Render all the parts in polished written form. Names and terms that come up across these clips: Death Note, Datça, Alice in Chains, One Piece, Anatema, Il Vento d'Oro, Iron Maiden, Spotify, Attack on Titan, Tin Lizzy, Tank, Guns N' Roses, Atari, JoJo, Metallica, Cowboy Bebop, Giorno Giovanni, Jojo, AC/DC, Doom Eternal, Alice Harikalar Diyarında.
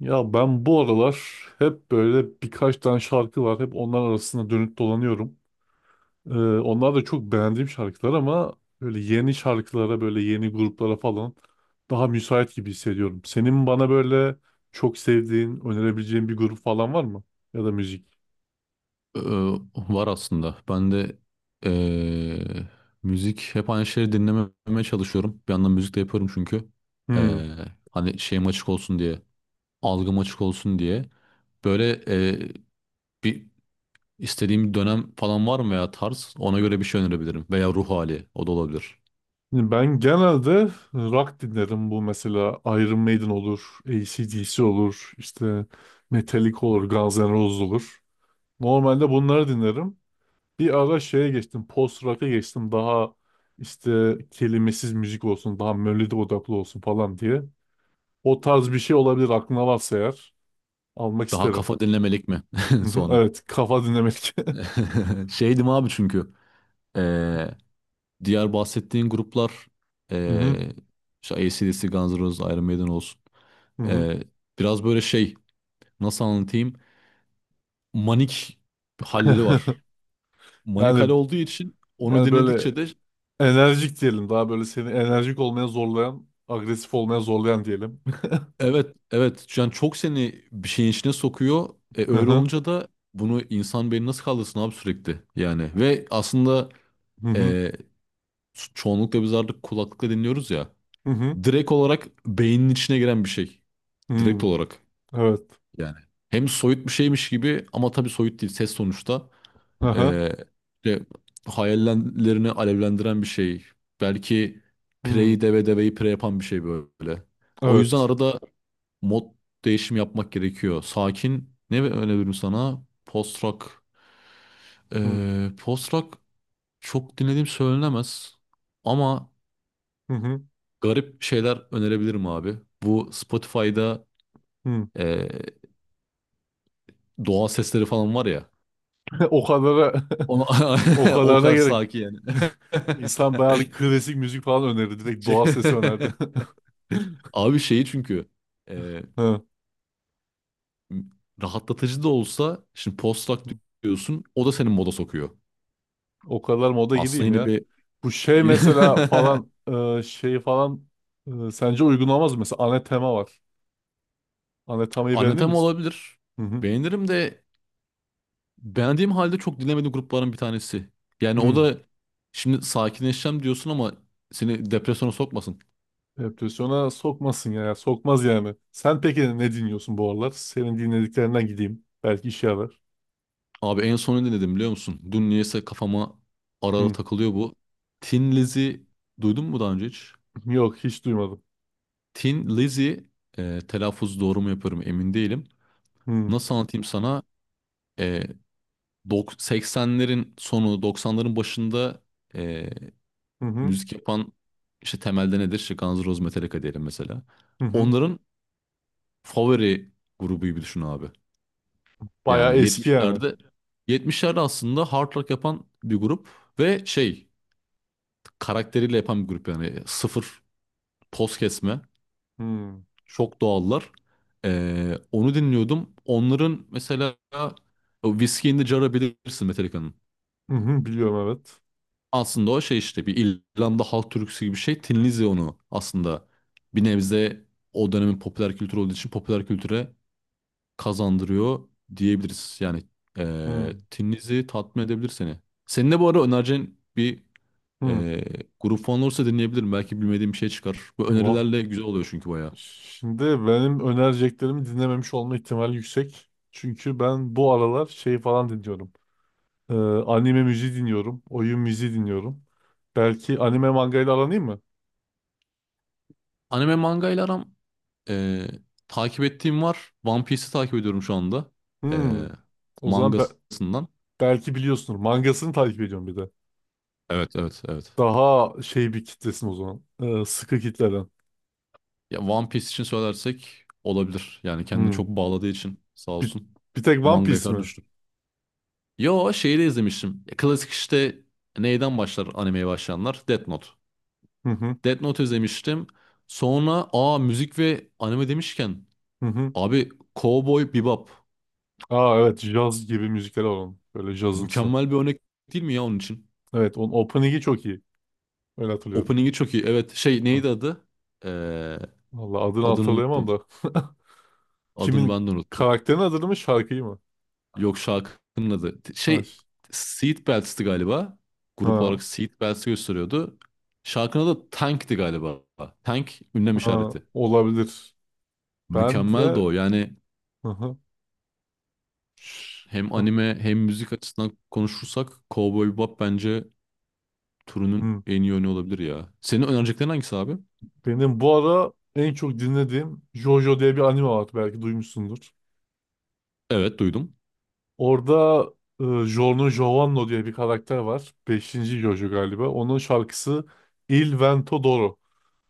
Ya ben bu aralar hep böyle birkaç tane şarkı var. Hep onlar arasında dönüp dolanıyorum. Ee, onlar da çok beğendiğim şarkılar ama böyle yeni şarkılara, böyle yeni gruplara falan daha müsait gibi hissediyorum. Senin bana böyle çok sevdiğin, önerebileceğin bir grup falan var mı? Ya da müzik. Ee, var aslında. Ben de ee, müzik hep aynı şeyleri dinlememeye çalışıyorum. Bir yandan müzik de yapıyorum çünkü. Hmm. Ee, hani şeyim açık olsun diye, algım açık olsun diye. Böyle bir istediğim bir dönem falan var mı veya tarz? Ona göre bir şey önerebilirim. Veya ruh hali o da olabilir. Şimdi ben genelde rock dinlerim. Bu mesela Iron Maiden olur, AC/DC olur, işte Metallica olur, Guns N' Roses olur. Normalde bunları dinlerim. Bir ara şeye geçtim. Post rock'a geçtim. Daha işte kelimesiz müzik olsun. Daha melodi odaklı olsun falan diye. O tarz bir şey olabilir aklına varsa eğer. Almak Daha isterim. kafa dinlemelik mi Hı hı, sonra? evet. Kafa dinlemek. Şeydim abi çünkü. ee, diğer bahsettiğin gruplar Hı hı, ee, işte AC/DC, Guns N' Roses, Iron Maiden olsun. hı hı. Ee, biraz böyle şey nasıl anlatayım? Manik halleri var. Manik hal Yani olduğu için onu yani böyle dinledikçe de enerjik diyelim. Daha böyle seni enerjik olmaya zorlayan, agresif olmaya zorlayan diyelim. evet evet yani çok seni bir şeyin içine sokuyor. E, Hı öyle hı, olunca da bunu insan beyni nasıl kaldırsın abi sürekli yani. Ve aslında hı hı, e, çoğunlukla biz artık kulaklıkla dinliyoruz ya. hı hı, Direkt olarak beynin içine giren bir şey. Direkt hı. olarak Evet. yani. Hem soyut bir şeymiş gibi ama tabii soyut değil ses sonuçta. Hı hı, Ee, işte hayallerini alevlendiren bir şey. Belki hı. Prey'i deve deveyi pre yapan bir şey böyle. O yüzden Evet. arada mod değişimi yapmak gerekiyor. Sakin ne öneririm sana? Post rock. Hı Post rock çok dinlediğim söylenemez. Ama hı, hı. garip şeyler önerebilirim abi. Bu Spotify'da ee, doğa sesleri falan var ya. O kadar. O, O o kadarına kadar gerek. sakin yani. İnsan bayağı da klasik müzik falan önerdi. Direkt doğal sesi önerdi. Abi şeyi çünkü e, Ha. rahatlatıcı da olsa şimdi postdoc diyorsun o da senin moda sokuyor. O kadar moda Aslında gideyim yine ya. bir Bu şey yine mesela falan şey falan sence uygun olmaz mı? Mesela Anatema var. Anatema'yı beğenir Anatem misin? olabilir. Hı hı. Beğenirim de beğendiğim halde çok dinlemediğim grupların bir tanesi. Yani o Hı. da şimdi sakinleşeceğim diyorsun ama seni depresyona sokmasın. Depresyona sokmasın ya. Sokmaz yani. Sen peki ne dinliyorsun bu aralar? Senin dinlediklerinden gideyim. Belki işe yarar. Abi en son ne dinledim biliyor musun? Dün niyeyse kafama ara ara Hı. takılıyor bu. Tin Lizzy duydun mu daha önce hiç? Yok, hiç duymadım. Tin Lizzy telaffuz doğru mu yapıyorum emin değilim. Hı. Nasıl anlatayım sana? Ee, 80'lerin sonu 90'ların başında ee, Hı hı. müzik yapan işte temelde nedir? İşte Guns N' Roses, Metallica diyelim mesela. Hı hı. Onların favori grubu gibi düşün abi. Bayağı Yani eski yani. 70'lerde aslında hard rock yapan bir grup ve şey karakteriyle yapan bir grup yani sıfır toz kesme. Hı. Çok doğallar. Onu dinliyordum. Onların mesela o Whiskey in the Jar'ı bilirsin Metallica'nın. Hı hı, biliyorum evet. Aslında o şey işte bir İrlanda halk türküsü gibi bir şey. Tinlizya onu aslında bir nebze o dönemin popüler kültür olduğu için popüler kültüre kazandırıyor diyebiliriz. Yani Hı Tinlizi tatmin edebilir seni. Senin de bu ara önereceğin bir hı. eee grup falan olursa dinleyebilirim. Belki bilmediğim bir şey çıkar. Bu Va- önerilerle güzel oluyor çünkü bayağı. Şimdi benim önereceklerimi dinlememiş olma ihtimali yüksek. Çünkü ben bu aralar şey falan dinliyorum. Ee, anime müziği dinliyorum. Oyun müziği dinliyorum. Belki anime mangayla aranayım mı? Anime manga ile aram eee, takip ettiğim var. One Piece'i takip ediyorum şu anda. Hı. Eee O zaman mangasından. belki biliyorsunuz. Mangasını takip ediyorum bir de. Evet evet evet. Daha şey bir kitlesin o zaman. Sıkı kitleden. Ya One Piece için söylersek olabilir. Yani kendine Hı. çok bağladığı için sağ Bir, olsun. bir tek One Manga Piece kadar mi? düştü. Yo şeyi de izlemiştim. Ya klasik işte neyden başlar animeye başlayanlar? Death Note. Hı hı. Death Note izlemiştim. Sonra aa müzik ve anime demişken Hı hı. abi Cowboy Bebop. Aa evet. Jazz gibi müzikler alalım. Böyle jazımsı. Mükemmel bir örnek değil mi ya onun için? Evet, onun opening'i çok iyi. Öyle hatırlıyorum. Opening'i çok iyi. Evet şey Hı. neydi adı? Ee, Vallahi adını adını hatırlayamam unuttum. da. Adını Kimin ben de unuttum. karakterin adını mı şarkıyı mı? Yok şarkının adı. Ha, Şey ş- Seatbelts'ti galiba. Grup ha, olarak Seatbelts'i gösteriyordu. Şarkının adı Tank'ti galiba. Tank ünlem ha, işareti. olabilir. Ben Mükemmeldi de o. Yani hı hı. Ş- hem ha, anime hem müzik açısından konuşursak Cowboy Bebop bence turunun hı. en iyi oyunu olabilir ya. Senin önereceklerin hangisi abi? Benim bu ara en çok dinlediğim JoJo diye bir anime var. Belki duymuşsundur. Evet duydum. Orada Giorno Giovanni diye bir karakter var. Beşinci JoJo galiba. Onun şarkısı Il Vento d'Oro.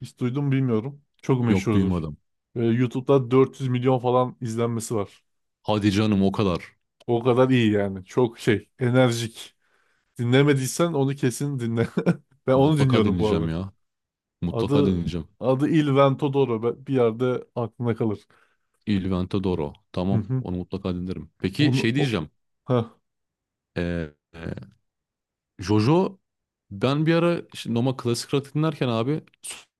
Hiç duydum mu bilmiyorum. Çok Yok meşhurdur. duymadım. Ve YouTube'da 400 milyon falan izlenmesi var. Hadi canım o kadar. O kadar iyi yani. Çok şey, enerjik. Dinlemediysen onu kesin dinle. Ben onu Mutlaka dinliyorum bu dinleyeceğim aralar. ya. Mutlaka Adı dinleyeceğim. adı Il Vento d'Oro. Bir yerde aklına kalır. Il Vento d'Oro. Hı Tamam hı. onu mutlaka dinlerim. Peki Onu şey o... diyeceğim. Heh. Ee, e, Jojo ben bir ara işte Noma klasik rock dinlerken abi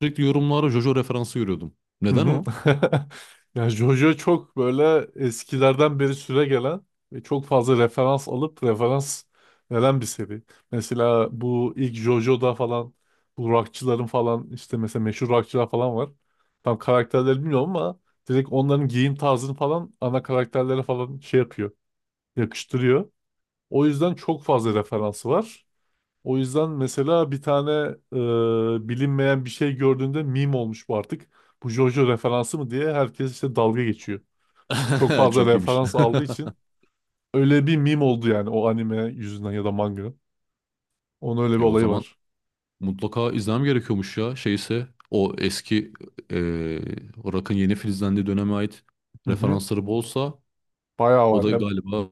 sürekli yorumlara Jojo referansı görüyordum. Hı Neden hı. o? Ya Jojo çok böyle eskilerden beri süre gelen ve çok fazla referans alıp referans veren bir seri. Mesela bu ilk Jojo'da falan bu rockçıların falan işte mesela meşhur rockçılar falan var. Tam karakterleri bilmiyorum ama direkt onların giyim tarzını falan ana karakterlere falan şey yapıyor, yakıştırıyor. O yüzden çok fazla referansı var. O yüzden mesela bir tane bilinmeyen bir şey gördüğünde meme olmuş bu artık. Bu JoJo referansı mı diye herkes işte dalga geçiyor. Çok fazla Çok iyiymiş. referans aldığı için öyle bir meme oldu yani o anime yüzünden ya da manga. Onun öyle bir E o olayı zaman var. mutlaka izlemem gerekiyormuş ya. Şeyse o eski e, Rock'ın yeni filizlendiği döneme ait Hı hı. referansları bolsa Bayağı o var da ya. galiba.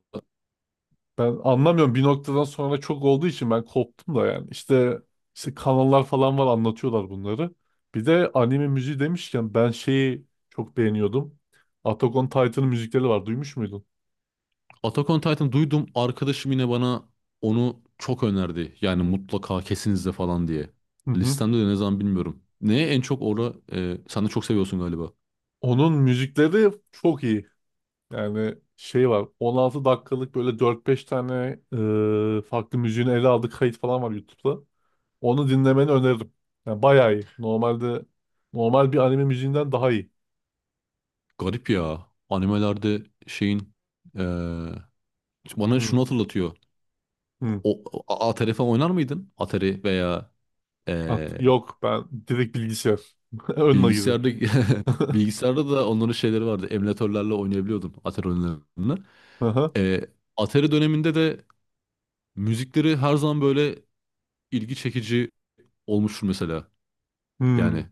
Ben anlamıyorum bir noktadan sonra çok olduğu için ben koptum da yani. İşte, işte kanallar falan var anlatıyorlar bunları. Bir de anime müziği demişken ben şeyi çok beğeniyordum. Attack on Titan'ın müzikleri var. Duymuş muydun? Attack on Titan duydum. Arkadaşım yine bana onu çok önerdi. Yani mutlaka kesin izle falan diye. Hı hı. Listemde de ne zaman bilmiyorum. Neye en çok orada sen de çok seviyorsun galiba. Onun müzikleri çok iyi. Yani şey var 16 dakikalık böyle 4-5 tane farklı müziğini ele aldığı kayıt falan var YouTube'da. Onu dinlemeni öneririm. Yani bayağı iyi. Normal bir anime müziğinden daha iyi. Garip ya. Animelerde şeyin eee, bana Hı, şunu hatırlatıyor. hı. O, Atari falan oynar mıydın? Atari veya At. eee, Yok, ben direkt bilgisayar. Önüne girdim. bilgisayarda bilgisayarda da onların şeyleri vardı. Emülatörlerle oynayabiliyordun Atari oyunlarını. Aha. Eee, Atari döneminde de müzikleri her zaman böyle ilgi çekici olmuştur mesela. Hmm. Yani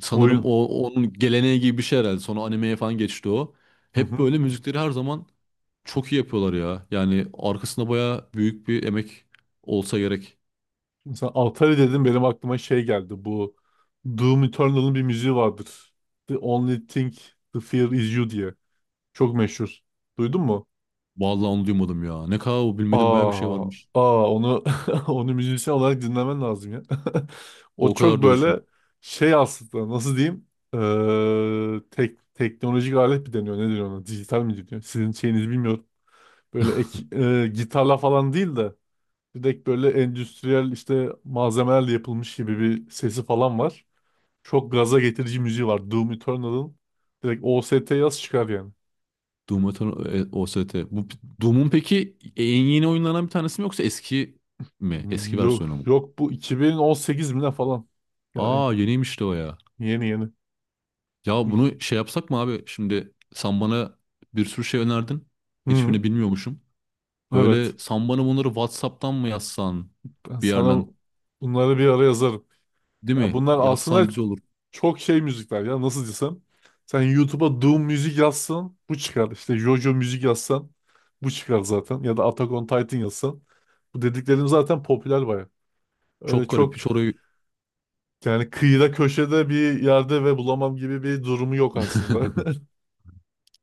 sanırım Oyun. o onun geleneği gibi bir şey herhalde. Sonra animeye falan geçti o. Hı Hep hı. böyle müzikleri her zaman çok iyi yapıyorlar ya. Yani arkasında baya büyük bir emek olsa gerek. Mesela Atari dedim benim aklıma şey geldi. Bu Doom Eternal'ın bir müziği vardır. The only thing the fear is you diye. Çok meşhur. Duydun mu? Vallahi onu duymadım ya. Ne kadar o bilmediğim baya bir şey Aa, varmış. aa, onu onu müzisyen olarak dinlemen lazım ya. O O çok kadar diyorsun. böyle şey aslında nasıl diyeyim? Teknolojik alet mi deniyor? Ne deniyor ona? Dijital mi deniyor? Sizin şeyinizi bilmiyorum. Böyle gitarla falan değil de direkt böyle endüstriyel işte malzemelerle yapılmış gibi bir sesi falan var. Çok gaza getirici müziği var. Doom Eternal'ın direkt OST yaz çıkar yani. Doom Eternal OST. Bu Doom'un peki en yeni oyunlarından bir tanesi mi yoksa eski mi? Hmm, Eski yok versiyonu mu? yok bu 2018 mi ne falan. Yani Aa yeniymiş de o ya. yeni yeni. Ya Bu... bunu şey yapsak mı abi? Şimdi sen bana bir sürü şey önerdin. Hı, Hiçbirini bilmiyormuşum. evet. Böyle sen bana bunları WhatsApp'tan mı yazsan Ben bir sana yerden bunları bir ara yazarım. değil Ya mi? bunlar Yazsan aslında güzel olur. çok şey müzikler ya nasıl desem. Sen YouTube'a Doom müzik yazsan bu çıkar. İşte JoJo müzik yazsan bu çıkar zaten. Ya da Attack on Titan yazsan. Bu dediklerim zaten popüler baya. Öyle Çok garip çok hiç orayı. yani kıyıda köşede bir yerde ve bulamam gibi bir durumu yok aslında.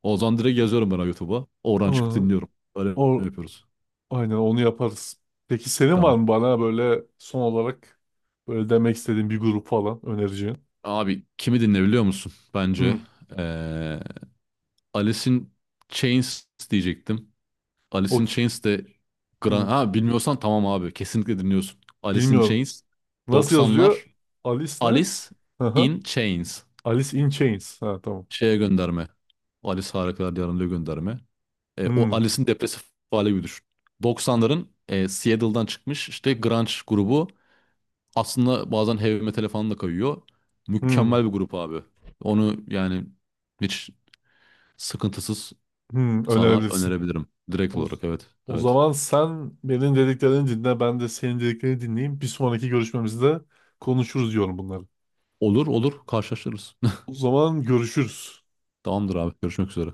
O zaman direkt yazıyorum ben YouTube'a. Oradan çıkıp Aa, dinliyorum. Öyle O, yapıyoruz. aynen onu yaparız. Peki senin var Tamam. mı bana böyle son olarak böyle demek istediğin bir grup falan önereceğin? Abi kimi dinleyebiliyor musun? Bence Hı, ee, Alice in Chains diyecektim. Alice in okey. Chains de Gran... Hı, Ha bilmiyorsan tamam abi kesinlikle dinliyorsun. Alice in bilmiyorum. Chains Nasıl yazıyor? 90'lar Alice ne? Alice Aha. in Chains Alice in Chains. Ha tamam. şeye gönderme. Alice Harikalar Diyarında gönderme. O Hı, Alice'in depresif hali gibi düşün. 90'ların Seattle'dan çıkmış işte grunge grubu. Aslında bazen heavy metal falan da kayıyor. hı, Mükemmel bir grup abi. Onu yani hiç sıkıntısız hı, sana önerebilirsin. önerebilirim. Direkt O, olarak evet. o Evet. zaman sen benim dediklerini dinle, ben de senin dediklerini dinleyeyim. Bir sonraki görüşmemizde konuşuruz diyorum bunları. Olur olur karşılaşırız. O zaman görüşürüz. Tamamdır abi görüşmek üzere.